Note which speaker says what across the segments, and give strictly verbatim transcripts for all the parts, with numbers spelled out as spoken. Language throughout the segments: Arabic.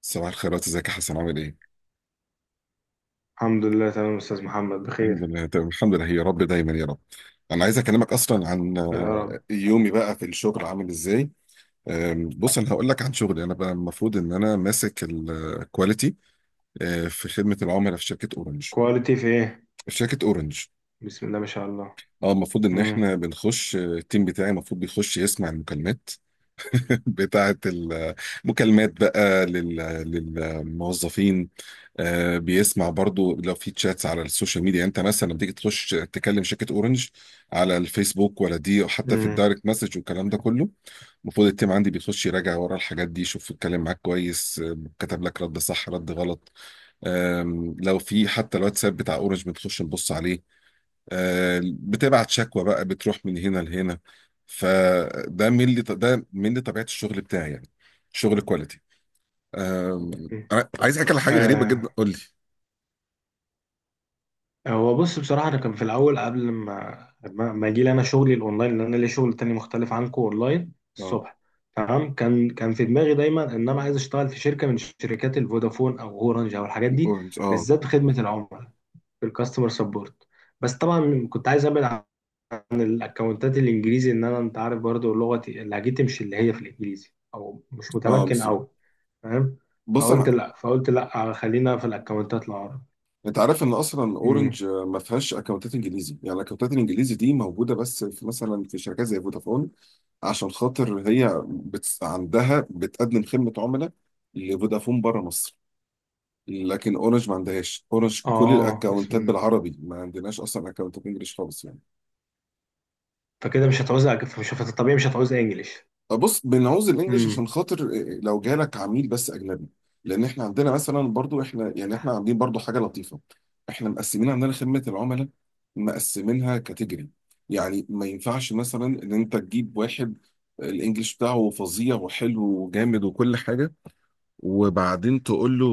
Speaker 1: صباح الخيرات، ازيك يا حسن؟ عامل ايه؟
Speaker 2: الحمد لله تمام يا أستاذ محمد
Speaker 1: الحمد
Speaker 2: بخير.
Speaker 1: لله تمام، الحمد لله يا رب دايما يا رب. انا عايز اكلمك اصلا عن
Speaker 2: يا رب.
Speaker 1: آه، يومي بقى في الشغل عامل ازاي. آم، بص، انا هقول لك عن شغلي، انا بقى المفروض ان انا ماسك الكواليتي في خدمه العملاء في شركه اورنج.
Speaker 2: كواليتي في إيه؟
Speaker 1: في شركه اورنج.
Speaker 2: بسم الله ما شاء الله.
Speaker 1: اه، المفروض ان
Speaker 2: مم.
Speaker 1: احنا بنخش، آه، التيم بتاعي المفروض بيخش يسمع المكالمات بتاعة المكالمات بقى لل- للموظفين. آه، بيسمع برضو لو في تشاتس على السوشيال ميديا. انت مثلا لما تيجي تخش تكلم شركة اورنج على الفيسبوك ولا دي او حتى في
Speaker 2: مم.
Speaker 1: الدايركت مسج والكلام ده كله، المفروض التيم عندي بيخش يراجع ورا الحاجات دي، يشوف اتكلم معاك كويس، آه، كتب لك رد صح رد غلط. آم، لو في حتى الواتساب بتاع اورنج بنخش نبص عليه. آه، بتبعت شكوى بقى، بتروح من هنا لهنا. فده من اللي ده من اللي طبيعة الشغل بتاعي يعني، شغل كواليتي. أم،
Speaker 2: مم.
Speaker 1: أنا عايز احكي على حاجه غريبه
Speaker 2: آه.
Speaker 1: جدا. قول لي.
Speaker 2: هو بص بصراحة أنا كان في الأول قبل ما ما ما أجي لي أنا شغلي الأونلاين، لأن أنا ليا شغل تاني مختلف عنكم أونلاين
Speaker 1: اه،
Speaker 2: الصبح. تمام. كان كان في دماغي دايما إن أنا عايز أشتغل في شركة من شركات الفودافون أو أورنج أو الحاجات دي،
Speaker 1: اورنج، اه.
Speaker 2: بالذات خدمة العملاء، في الكاستمر سبورت. بس طبعا كنت عايز أبعد عن الاكونتات الانجليزي، ان انا، انت عارف برضو لغتي لهجتي مش اللي هي في الانجليزي، او مش
Speaker 1: اه،
Speaker 2: متمكن
Speaker 1: بالظبط.
Speaker 2: قوي. فاهم.
Speaker 1: بص
Speaker 2: فقلت
Speaker 1: انا.
Speaker 2: لا فقلت لا، خلينا في الاكونتات العربي.
Speaker 1: انت عارف ان اصلا
Speaker 2: امم.
Speaker 1: اورنج آه، ما فيهاش اكونتات انجليزي. يعني الاكونتات الانجليزي دي موجوده بس في مثلا، في شركات زي فودافون، عشان خاطر هي بت... عندها بتقدم خدمه عملاء لفودافون بره مصر. لكن اورنج ما عندهاش. اورنج كل
Speaker 2: اه بسم
Speaker 1: الاكونتات
Speaker 2: الله.
Speaker 1: بالعربي، ما عندناش اصلا اكونتات انجلش خالص يعني.
Speaker 2: فكده مش هتعوز، مش طبيعي، مش هتعوز انجليش.
Speaker 1: بص، بنعوز الانجليش
Speaker 2: امم.
Speaker 1: عشان خاطر إيه، لو جالك عميل بس اجنبي. لان احنا عندنا مثلا برضو، احنا يعني احنا عاملين برضو حاجه لطيفه. احنا مقسمين عندنا خدمه العملاء، مقسمينها كاتيجوري. يعني ما ينفعش مثلا ان انت تجيب واحد آه، الانجليش بتاعه فظيع وحلو وجامد وكل حاجه، وبعدين تقول له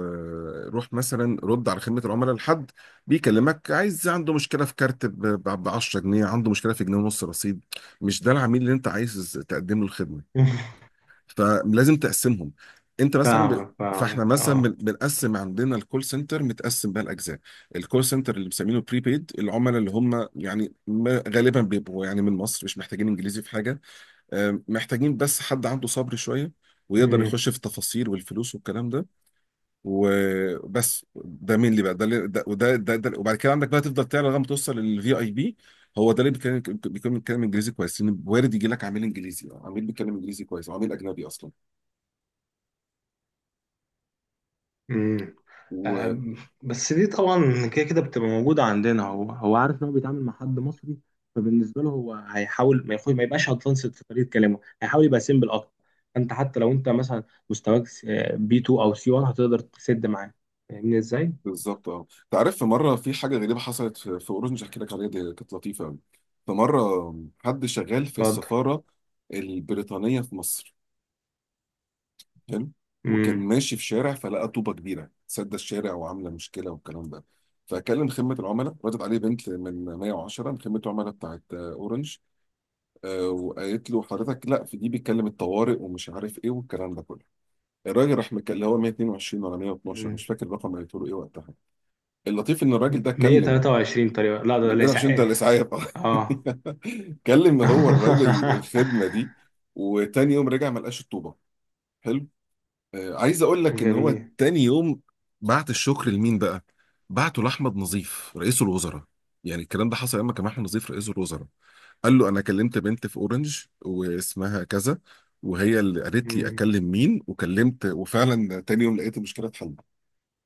Speaker 1: آه، روح مثلا رد على خدمة العملاء لحد بيكلمك عايز، عنده مشكلة في كارت ب عشرة جنيه، عنده مشكلة في جنيه ونص رصيد. مش ده العميل اللي انت عايز تقدم له الخدمة. فلازم تقسمهم. انت مثلا ب...
Speaker 2: فاهمك
Speaker 1: فاحنا
Speaker 2: فاهمك
Speaker 1: مثلا بن-
Speaker 2: اه.
Speaker 1: بنقسم عندنا الكول سنتر، متقسم بقى الاجزاء. الكول سنتر اللي بنسميه بري بيد العملاء، اللي هم يعني ما- غالبا بيبقوا يعني من مصر، مش محتاجين انجليزي في حاجه، آه، محتاجين بس حد عنده صبر شويه ويقدر يخش
Speaker 2: امم.
Speaker 1: في التفاصيل والفلوس والكلام ده. وبس ده مين اللي بقى ده، اللي- ده وده ده، ده. وبعد كده عندك بقى تفضل تعلى لغايه ما توصل للفي اي بي. هو ده اللي بيتكلم، بيكون بيتكلم انجليزي كويس، لان وارد يجي لك عميل انجليزي أو عميل بيتكلم انجليزي كويس أو عميل اجنبي اصلا.
Speaker 2: امم. آم، بس دي طبعا كده كده بتبقى موجودة عندنا، هو هو عارف ان هو بيتعامل مع حد مصري. فبالنسبة له هو هيحاول ما يخش ما يبقاش ادفانسد في طريقة كلامه، هيحاول يبقى سيمبل اكتر. انت حتى لو انت مثلا مستواك بي اتنين او سي واحد هتقدر تسد معاه. فاهمني ازاي؟
Speaker 1: وبالظبط اه. انت عارف في مره في حاجه غريبه حصلت في في اوروج، مش هحكي لك عليها، دي كانت لطيفه قوي. في مره حد شغال في
Speaker 2: اتفضل.
Speaker 1: السفاره البريطانيه في مصر. حلو. وكان
Speaker 2: امم.
Speaker 1: ماشي في شارع، فلقى طوبه كبيره سد الشارع وعامله مشكله والكلام ده. فكلم خدمه العملاء، ردت عليه بنت من مية وعشرة، من خدمه العملاء بتاعت آه، اورنج. آه، وقالت له حضرتك لا، في دي بيتكلم الطوارئ ومش عارف ايه والكلام ده كله. الراجل راح مكلم اللي هو واحد اتنين اتنين ولا مية اتناشر،
Speaker 2: أمم.
Speaker 1: مش فاكر الرقم اللي قلت له ايه وقتها. اللطيف ان الراجل ده كلم.
Speaker 2: مية تلاتة وعشرين طريقة؟ لا، ده ده
Speaker 1: لا، إيه، عشان ده
Speaker 2: اسعاف.
Speaker 1: الاسعاف.
Speaker 2: اه.
Speaker 1: كلم هو الراجل الخدمه دي، وتاني يوم رجع ما لقاش الطوبه. حلو. آه، عايز اقول لك ان هو
Speaker 2: جميل.
Speaker 1: تاني يوم بعت الشكر لمين بقى؟ بعته لاحمد نظيف رئيس الوزراء. يعني الكلام ده حصل لما كان احمد نظيف رئيس الوزراء. قال له انا كلمت بنت في اورنج واسمها كذا، وهي اللي قالت لي
Speaker 2: مم.
Speaker 1: اكلم مين، وكلمت، وفعلا تاني يوم لقيت المشكله اتحلت.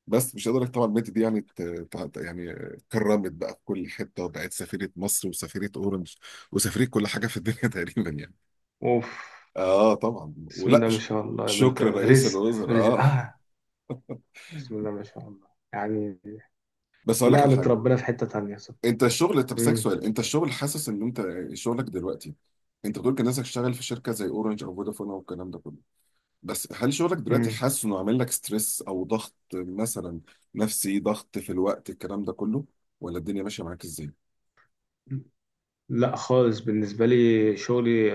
Speaker 1: بس مش قادر طبعا. البنت دي يعني ت- ت- يعني كرمت بقى في كل حته، وبقت سفيره مصر وسفيره اورنج وسفيره كل حاجه في الدنيا تقريبا يعني.
Speaker 2: اوف.
Speaker 1: اه طبعا،
Speaker 2: بسم
Speaker 1: ولا
Speaker 2: الله ما
Speaker 1: ش-
Speaker 2: شاء الله، يا بنت
Speaker 1: شكر رئيس
Speaker 2: رزق
Speaker 1: الوزراء
Speaker 2: رزق.
Speaker 1: اه.
Speaker 2: اه. بسم الله ما شاء الله. يعني
Speaker 1: بس اقول لك على
Speaker 2: نقلت
Speaker 1: حاجه.
Speaker 2: ربنا في حتة تانية، صح.
Speaker 1: انت الشغل، طب اسالك
Speaker 2: مم.
Speaker 1: سؤال، انت الشغل حاسس ان انت شغلك دلوقتي، انت بتقول كان نفسك تشتغل في شركه زي اورنج او فودافون او الكلام ده كله، بس هل شغلك دلوقتي
Speaker 2: مم.
Speaker 1: حاسس انه عامل لك ستريس او ضغط مثلا، نفسي ضغط في الوقت الكلام ده كله، ولا الدنيا ماشيه معاك ازاي؟
Speaker 2: لا خالص. بالنسبة لي شغلي،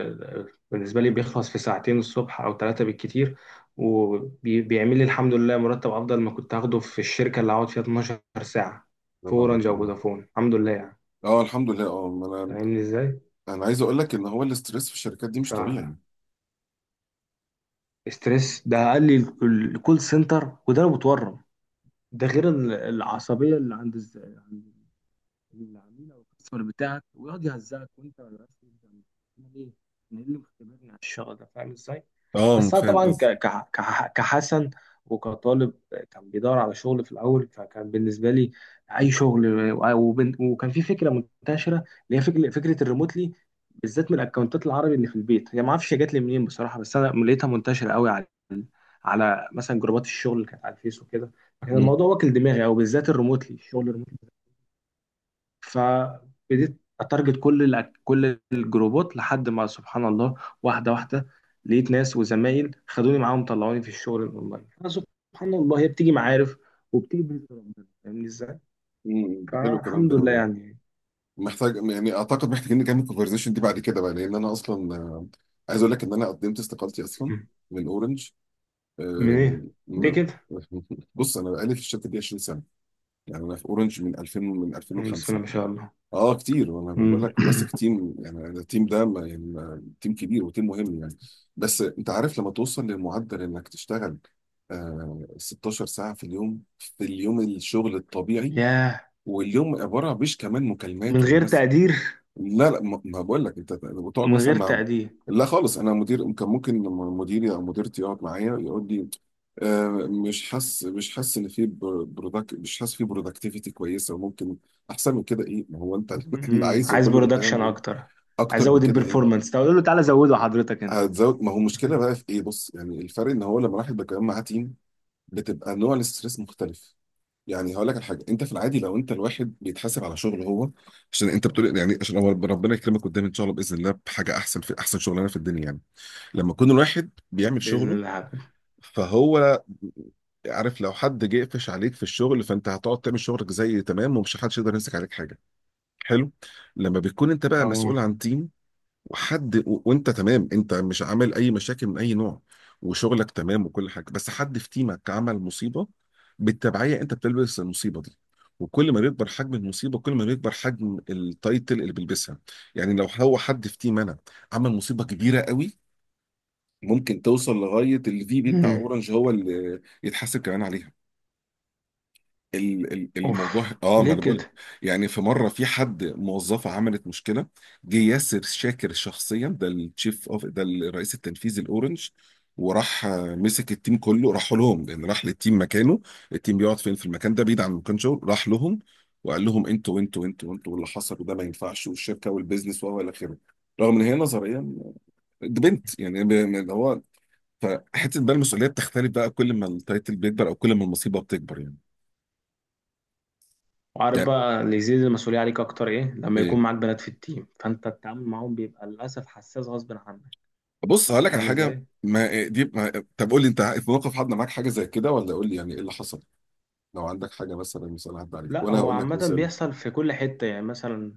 Speaker 2: بالنسبة لي بيخلص في ساعتين الصبح أو ثلاثة بالكتير، وبيعمل لي الحمد لله مرتب أفضل ما كنت هاخده في الشركة اللي هقعد فيها اتناشر ساعة، في
Speaker 1: برافو عليك،
Speaker 2: أورنج أو
Speaker 1: اه.
Speaker 2: فودافون. الحمد لله يعني.
Speaker 1: آه، الحمد لله اه. ما انا
Speaker 2: فاهمني إزاي؟
Speaker 1: انا عايز اقول لك ان هو الاستريس في الشركات دي مش
Speaker 2: ف
Speaker 1: طبيعي.
Speaker 2: ستريس ده قال لي الكول سنتر، وده أنا متورم. ده غير ال- العصبية اللي عند الز- العميل او الكاستمر بتاعك، ويقعد يهزقك وانت ما بقاش فاهم. أنا ليه؟ انا إيه اللي مختبرني على الشغل ده؟ فاهم ازاي؟
Speaker 1: اه،
Speaker 2: بس انا
Speaker 1: فاهم
Speaker 2: طبعا ك...
Speaker 1: قصدي.
Speaker 2: ك... ك- كحسن وكطالب كان بيدور على شغل في الاول، فكان بالنسبه لي اي شغل. و- وبن... وكان في فكره منتشره اللي هي فكره فكره الريموتلي، بالذات من الاكونتات العربي اللي في البيت. هي ما اعرفش هي جت لي منين بصراحه، بس انا لقيتها منتشره قوي على على مثلا جروبات الشغل اللي كانت على الفيس وكده. فكان
Speaker 1: مم.
Speaker 2: الموضوع واكل دماغي، او بالذات الريموتلي، الشغل الريموتلي. فبديت اتارجت كل الأك- كل الجروبات، لحد ما سبحان الله واحده واحده لقيت ناس وزمايل خدوني معاهم، طلعوني في الشغل الاونلاين. سبحان الله، هي بتيجي معارف، وبتيجي بإذن ربنا. فاهمني ازاي؟
Speaker 1: امم، حلو الكلام
Speaker 2: فالحمد لله
Speaker 1: ده.
Speaker 2: يعني.
Speaker 1: محتاج يعني، اعتقد محتاجين نكمل الكونفرزيشن دي بعد كده بقى، لان انا اصلا آه، عايز اقول لك ان انا قدمت استقالتي اصلا
Speaker 2: مم.
Speaker 1: من اورنج.
Speaker 2: من
Speaker 1: آم،
Speaker 2: ايه؟ ليه
Speaker 1: م-
Speaker 2: كده؟
Speaker 1: بص انا بقالي في الشركه دي عشرين سنة سنه، يعني انا في اورنج من ألفين، من
Speaker 2: مم، بسم الله
Speaker 1: الفين وخمسة.
Speaker 2: ما شاء الله.
Speaker 1: اه كتير. وانا بقول
Speaker 2: مم.
Speaker 1: لك ماسك تيم، يعني أنا التيم ده ما- يعني ما- تيم كبير وتيم مهم يعني. بس انت عارف لما توصل للمعدل انك تشتغل آه ستاشر ساعة ساعه في اليوم، في اليوم الشغل الطبيعي،
Speaker 2: ياه.
Speaker 1: واليوم عباره مش كمان مكالمات
Speaker 2: من غير
Speaker 1: والناس.
Speaker 2: تقدير.
Speaker 1: لا لا، ما ما بقول لك، انت بتقعد
Speaker 2: ومن
Speaker 1: مثلا
Speaker 2: غير
Speaker 1: مع،
Speaker 2: تقدير.
Speaker 1: لا خالص. انا مدير، كان ممكن لما مديري او مديرتي يقعد معايا يقول لي آه، مش حاسس، مش حاسس ان في برودكت، مش حاسس في برودكتيفيتي كويسه، وممكن احسن من كده ايه، ما هو انت اللي
Speaker 2: مم.
Speaker 1: عايزه
Speaker 2: عايز
Speaker 1: كله
Speaker 2: برودكشن
Speaker 1: بتعمل
Speaker 2: اكتر. عايز
Speaker 1: اكتر من
Speaker 2: ازود
Speaker 1: كده ايه،
Speaker 2: البرفورمانس، طب اقول له تعالى زوده حضرتك انت.
Speaker 1: هتزود. ما هو المشكله بقى في ايه. بص يعني الفرق ان هو لما الواحد بيتكلم مع تيم، بتبقى نوع الاستريس مختلف. يعني هقول لك على حاجه، انت في العادي لو انت الواحد بيتحاسب على شغله هو، عشان انت بتقول يعني، عشان هو ربنا يكرمك قدام ان شاء الله باذن الله بحاجه احسن في احسن شغلانه في الدنيا يعني، لما يكون الواحد بيعمل
Speaker 2: باذن
Speaker 1: شغله،
Speaker 2: الله حبيبي.
Speaker 1: فهو عارف لو حد جه قفش عليك في الشغل، فانت هتقعد تعمل شغلك زي تمام، ومش حدش يقدر يمسك عليك حاجه. حلو. لما بتكون انت بقى
Speaker 2: اه.
Speaker 1: مسؤول عن تيم، وحد و... وانت تمام، انت مش عامل اي مشاكل من اي نوع، وشغلك تمام وكل حاجه، بس حد في تيمك عمل مصيبه، بالتبعيه انت بتلبس المصيبه دي. وكل ما بيكبر حجم المصيبه، كل ما بيكبر حجم التايتل اللي بيلبسها. يعني لو هو حد في تيم انا عمل مصيبه كبيره قوي، ممكن توصل لغايه الفي بي بتاع
Speaker 2: مم.
Speaker 1: اورنج، هو اللي يتحاسب كمان عليها. ال- ال- الموضوع
Speaker 2: اوف.
Speaker 1: اه. ما
Speaker 2: ليه
Speaker 1: انا بقول
Speaker 2: كده.
Speaker 1: يعني، في مره في حد موظفه عملت مشكله، جه ياسر شاكر شخصيا، ده التشيف اوف، ده الرئيس التنفيذي الاورنج، وراح آه، مسك التيم كله، راح لهم، لان راح للتيم مكانه، التيم بيقعد فين في المكان ده بعيد عن مكان شغل، راح لهم وقال لهم انتوا انتوا انتوا انتوا واللي حصل، وده ما ينفعش، والشركه والبيزنس وهو الى اخره. رغم ان هي نظريا دي بنت، يعني ب- اللي هو، فحته بقى المسؤوليه بتختلف بقى كل ما التايتل بيكبر او كل ما المصيبه بتكبر يعني.
Speaker 2: وعارف
Speaker 1: يعني
Speaker 2: بقى اللي يزيد المسؤولية عليك أكتر إيه؟ لما يكون
Speaker 1: إيه؟
Speaker 2: معاك بنات في التيم، فأنت التعامل معاهم بيبقى للأسف حساس غصب عنك.
Speaker 1: بص هقول لك على
Speaker 2: فاهم
Speaker 1: حاجه.
Speaker 2: إزاي؟
Speaker 1: ما دي، ما طب قول لي انت في موقف حد معاك حاجه زي كده، ولا قول لي يعني ايه اللي حصل. لو عندك حاجه مثلا مثال عدى عليك،
Speaker 2: لا،
Speaker 1: وانا
Speaker 2: هو
Speaker 1: هقول لك
Speaker 2: عامة
Speaker 1: مثال.
Speaker 2: بيحصل في كل حتة، يعني مثلا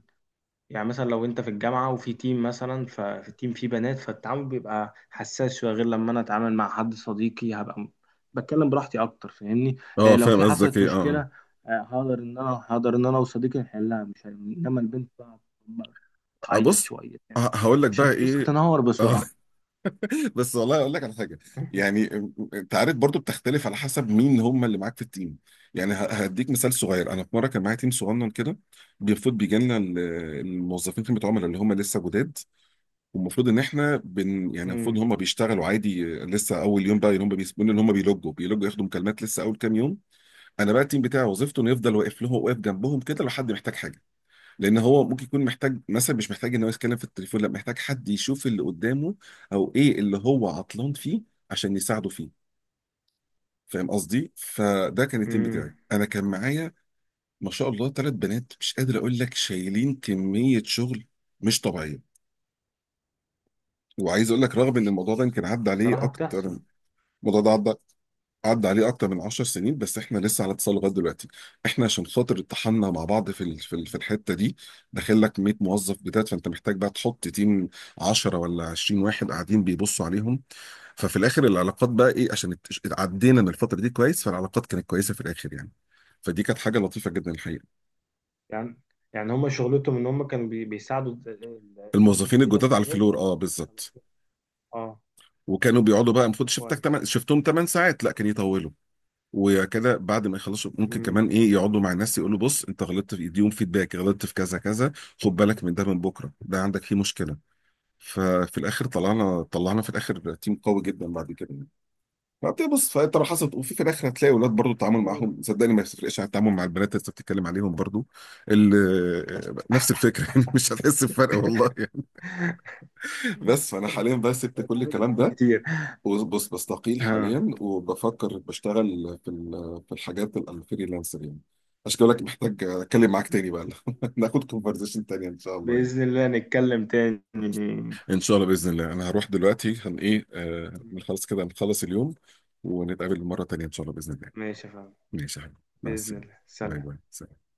Speaker 2: يعني مثلا لو انت في الجامعة وفي تيم مثلا، ففي التيم فيه بنات، فالتعامل بيبقى حساس شوية غير لما انا اتعامل مع حد صديقي، هبقى م- بتكلم براحتي اكتر. فاهمني. آه،
Speaker 1: اه،
Speaker 2: لو
Speaker 1: فاهم
Speaker 2: في
Speaker 1: قصدك
Speaker 2: حصلت
Speaker 1: ايه، اه.
Speaker 2: مشكلة، آه، هقدر ان انا هقدر ان انا وصديقي نحلها، مش هن- انما البنت بقى، بقى
Speaker 1: آه،
Speaker 2: تعيط
Speaker 1: بص
Speaker 2: شوية
Speaker 1: ه-
Speaker 2: تعمل،
Speaker 1: هقول لك
Speaker 2: مش
Speaker 1: بقى
Speaker 2: هتبص،
Speaker 1: ايه.
Speaker 2: هتنهار
Speaker 1: اه.
Speaker 2: بسرعة.
Speaker 1: بس والله اقول لك على حاجه. يعني انت عارف برضو بتختلف على حسب مين هم اللي معاك في التيم. يعني ه- هديك مثال صغير. انا في مره كان معايا تيم صغنن كده، بيفوت بيجي لنا ال- الموظفين خدمه عملاء اللي هم لسه جداد، والمفروض ان احنا بن يعني، المفروض
Speaker 2: امم.
Speaker 1: هم بيشتغلوا عادي، آه، لسه اول يوم بقى هم بيسيبونا ان هم بيلوجوا بيلوجوا، ياخدوا مكالمات لسه اول كام يوم. انا بقى التيم بتاعي وظيفته انه يفضل واقف له، واقف جنبهم كده لو حد محتاج حاجه، لان هو ممكن يكون محتاج مثلا مش محتاج ان هو يتكلم في التليفون، لا محتاج حد يشوف اللي قدامه او ايه اللي هو عطلان فيه عشان يساعده فيه. فاهم قصدي؟ فده كان التيم بتاعي،
Speaker 2: امم.
Speaker 1: انا كان معايا ما شاء الله ثلاث بنات مش قادر اقول لك، شايلين كميه شغل مش طبيعيه. وعايز اقول لك رغم ان الموضوع ده يمكن عدى عليه
Speaker 2: بصراحة
Speaker 1: اكتر،
Speaker 2: بتحصل.
Speaker 1: الموضوع ده عدى عدى عليه اكتر من 10 سنين، بس احنا لسه على اتصال لغايه دلوقتي. احنا عشان خاطر اتحدنا مع بعض في ال-
Speaker 2: بس-
Speaker 1: في ال- في الحته دي، داخل لك 100 موظف بتاعت، فانت محتاج بقى تحط تيم عشرة ولا عشرين واحد قاعدين بيبصوا عليهم. ففي الاخر العلاقات بقى ايه، عشان اتش- عدينا من الفتره دي كويس، فالعلاقات كانت كويسه في الاخر يعني. فدي كانت حاجه لطيفه جدا الحقيقه.
Speaker 2: يعني يعني هما شغلتهم ان هما كانوا بي- بيساعدوا ال- ال- الناس
Speaker 1: الموظفين
Speaker 2: الجديدة في
Speaker 1: الجداد على
Speaker 2: الشغل،
Speaker 1: الفلور،
Speaker 2: ولا؟
Speaker 1: اه بالظبط.
Speaker 2: اه.
Speaker 1: وكانوا بيقعدوا بقى المفروض شفتك تمن،
Speaker 2: كويس.
Speaker 1: شفتهم 8 ساعات لا كان يطولوا. وكده بعد ما يخلصوا ممكن
Speaker 2: مم.
Speaker 1: كمان ايه، يقعدوا مع الناس يقولوا بص انت غلطت في، يديهم فيدباك، غلطت في كذا كذا، خد بالك من ده، من بكره ده عندك فيه مشكله. ففي الاخر طلعنا طلعنا في الاخر تيم قوي جدا بعد كده يعني. فبتبص، بص، فانت لو حصلت وفي في الاخر هتلاقي ولاد برضو التعامل
Speaker 2: سبحان الله.
Speaker 1: معاهم صدقني ما يفرقش عن التعامل مع البنات اللي انت بتتكلم عليهم برضو. ال- نفس الفكره يعني مش هتحس بفرق والله يعني. بس فانا حاليا بقى سبت كل
Speaker 2: اتعاملت
Speaker 1: الكلام
Speaker 2: معاهم
Speaker 1: ده.
Speaker 2: كتير.
Speaker 1: بص بص، بستقيل
Speaker 2: ها.
Speaker 1: حاليا، وبفكر بشتغل في ال- في الحاجات ال- الفريلانسر يعني. عشان كده بقول لك محتاج اتكلم معاك تاني بقى ناخد كونفرزيشن تانية ان شاء الله يعني.
Speaker 2: بإذن الله نتكلم تاني، في
Speaker 1: ان
Speaker 2: أي
Speaker 1: شاء الله باذن الله، انا
Speaker 2: وقت.
Speaker 1: هروح دلوقتي، هن ايه آه نخلص كده، نخلص اليوم، ونتقابل مره تانيه ان شاء الله باذن الله.
Speaker 2: ماشي يا فندم.
Speaker 1: ماشي يا حبيبي، مع
Speaker 2: بإذن
Speaker 1: السلامه.
Speaker 2: الله
Speaker 1: باي
Speaker 2: سلام
Speaker 1: باي، سلام.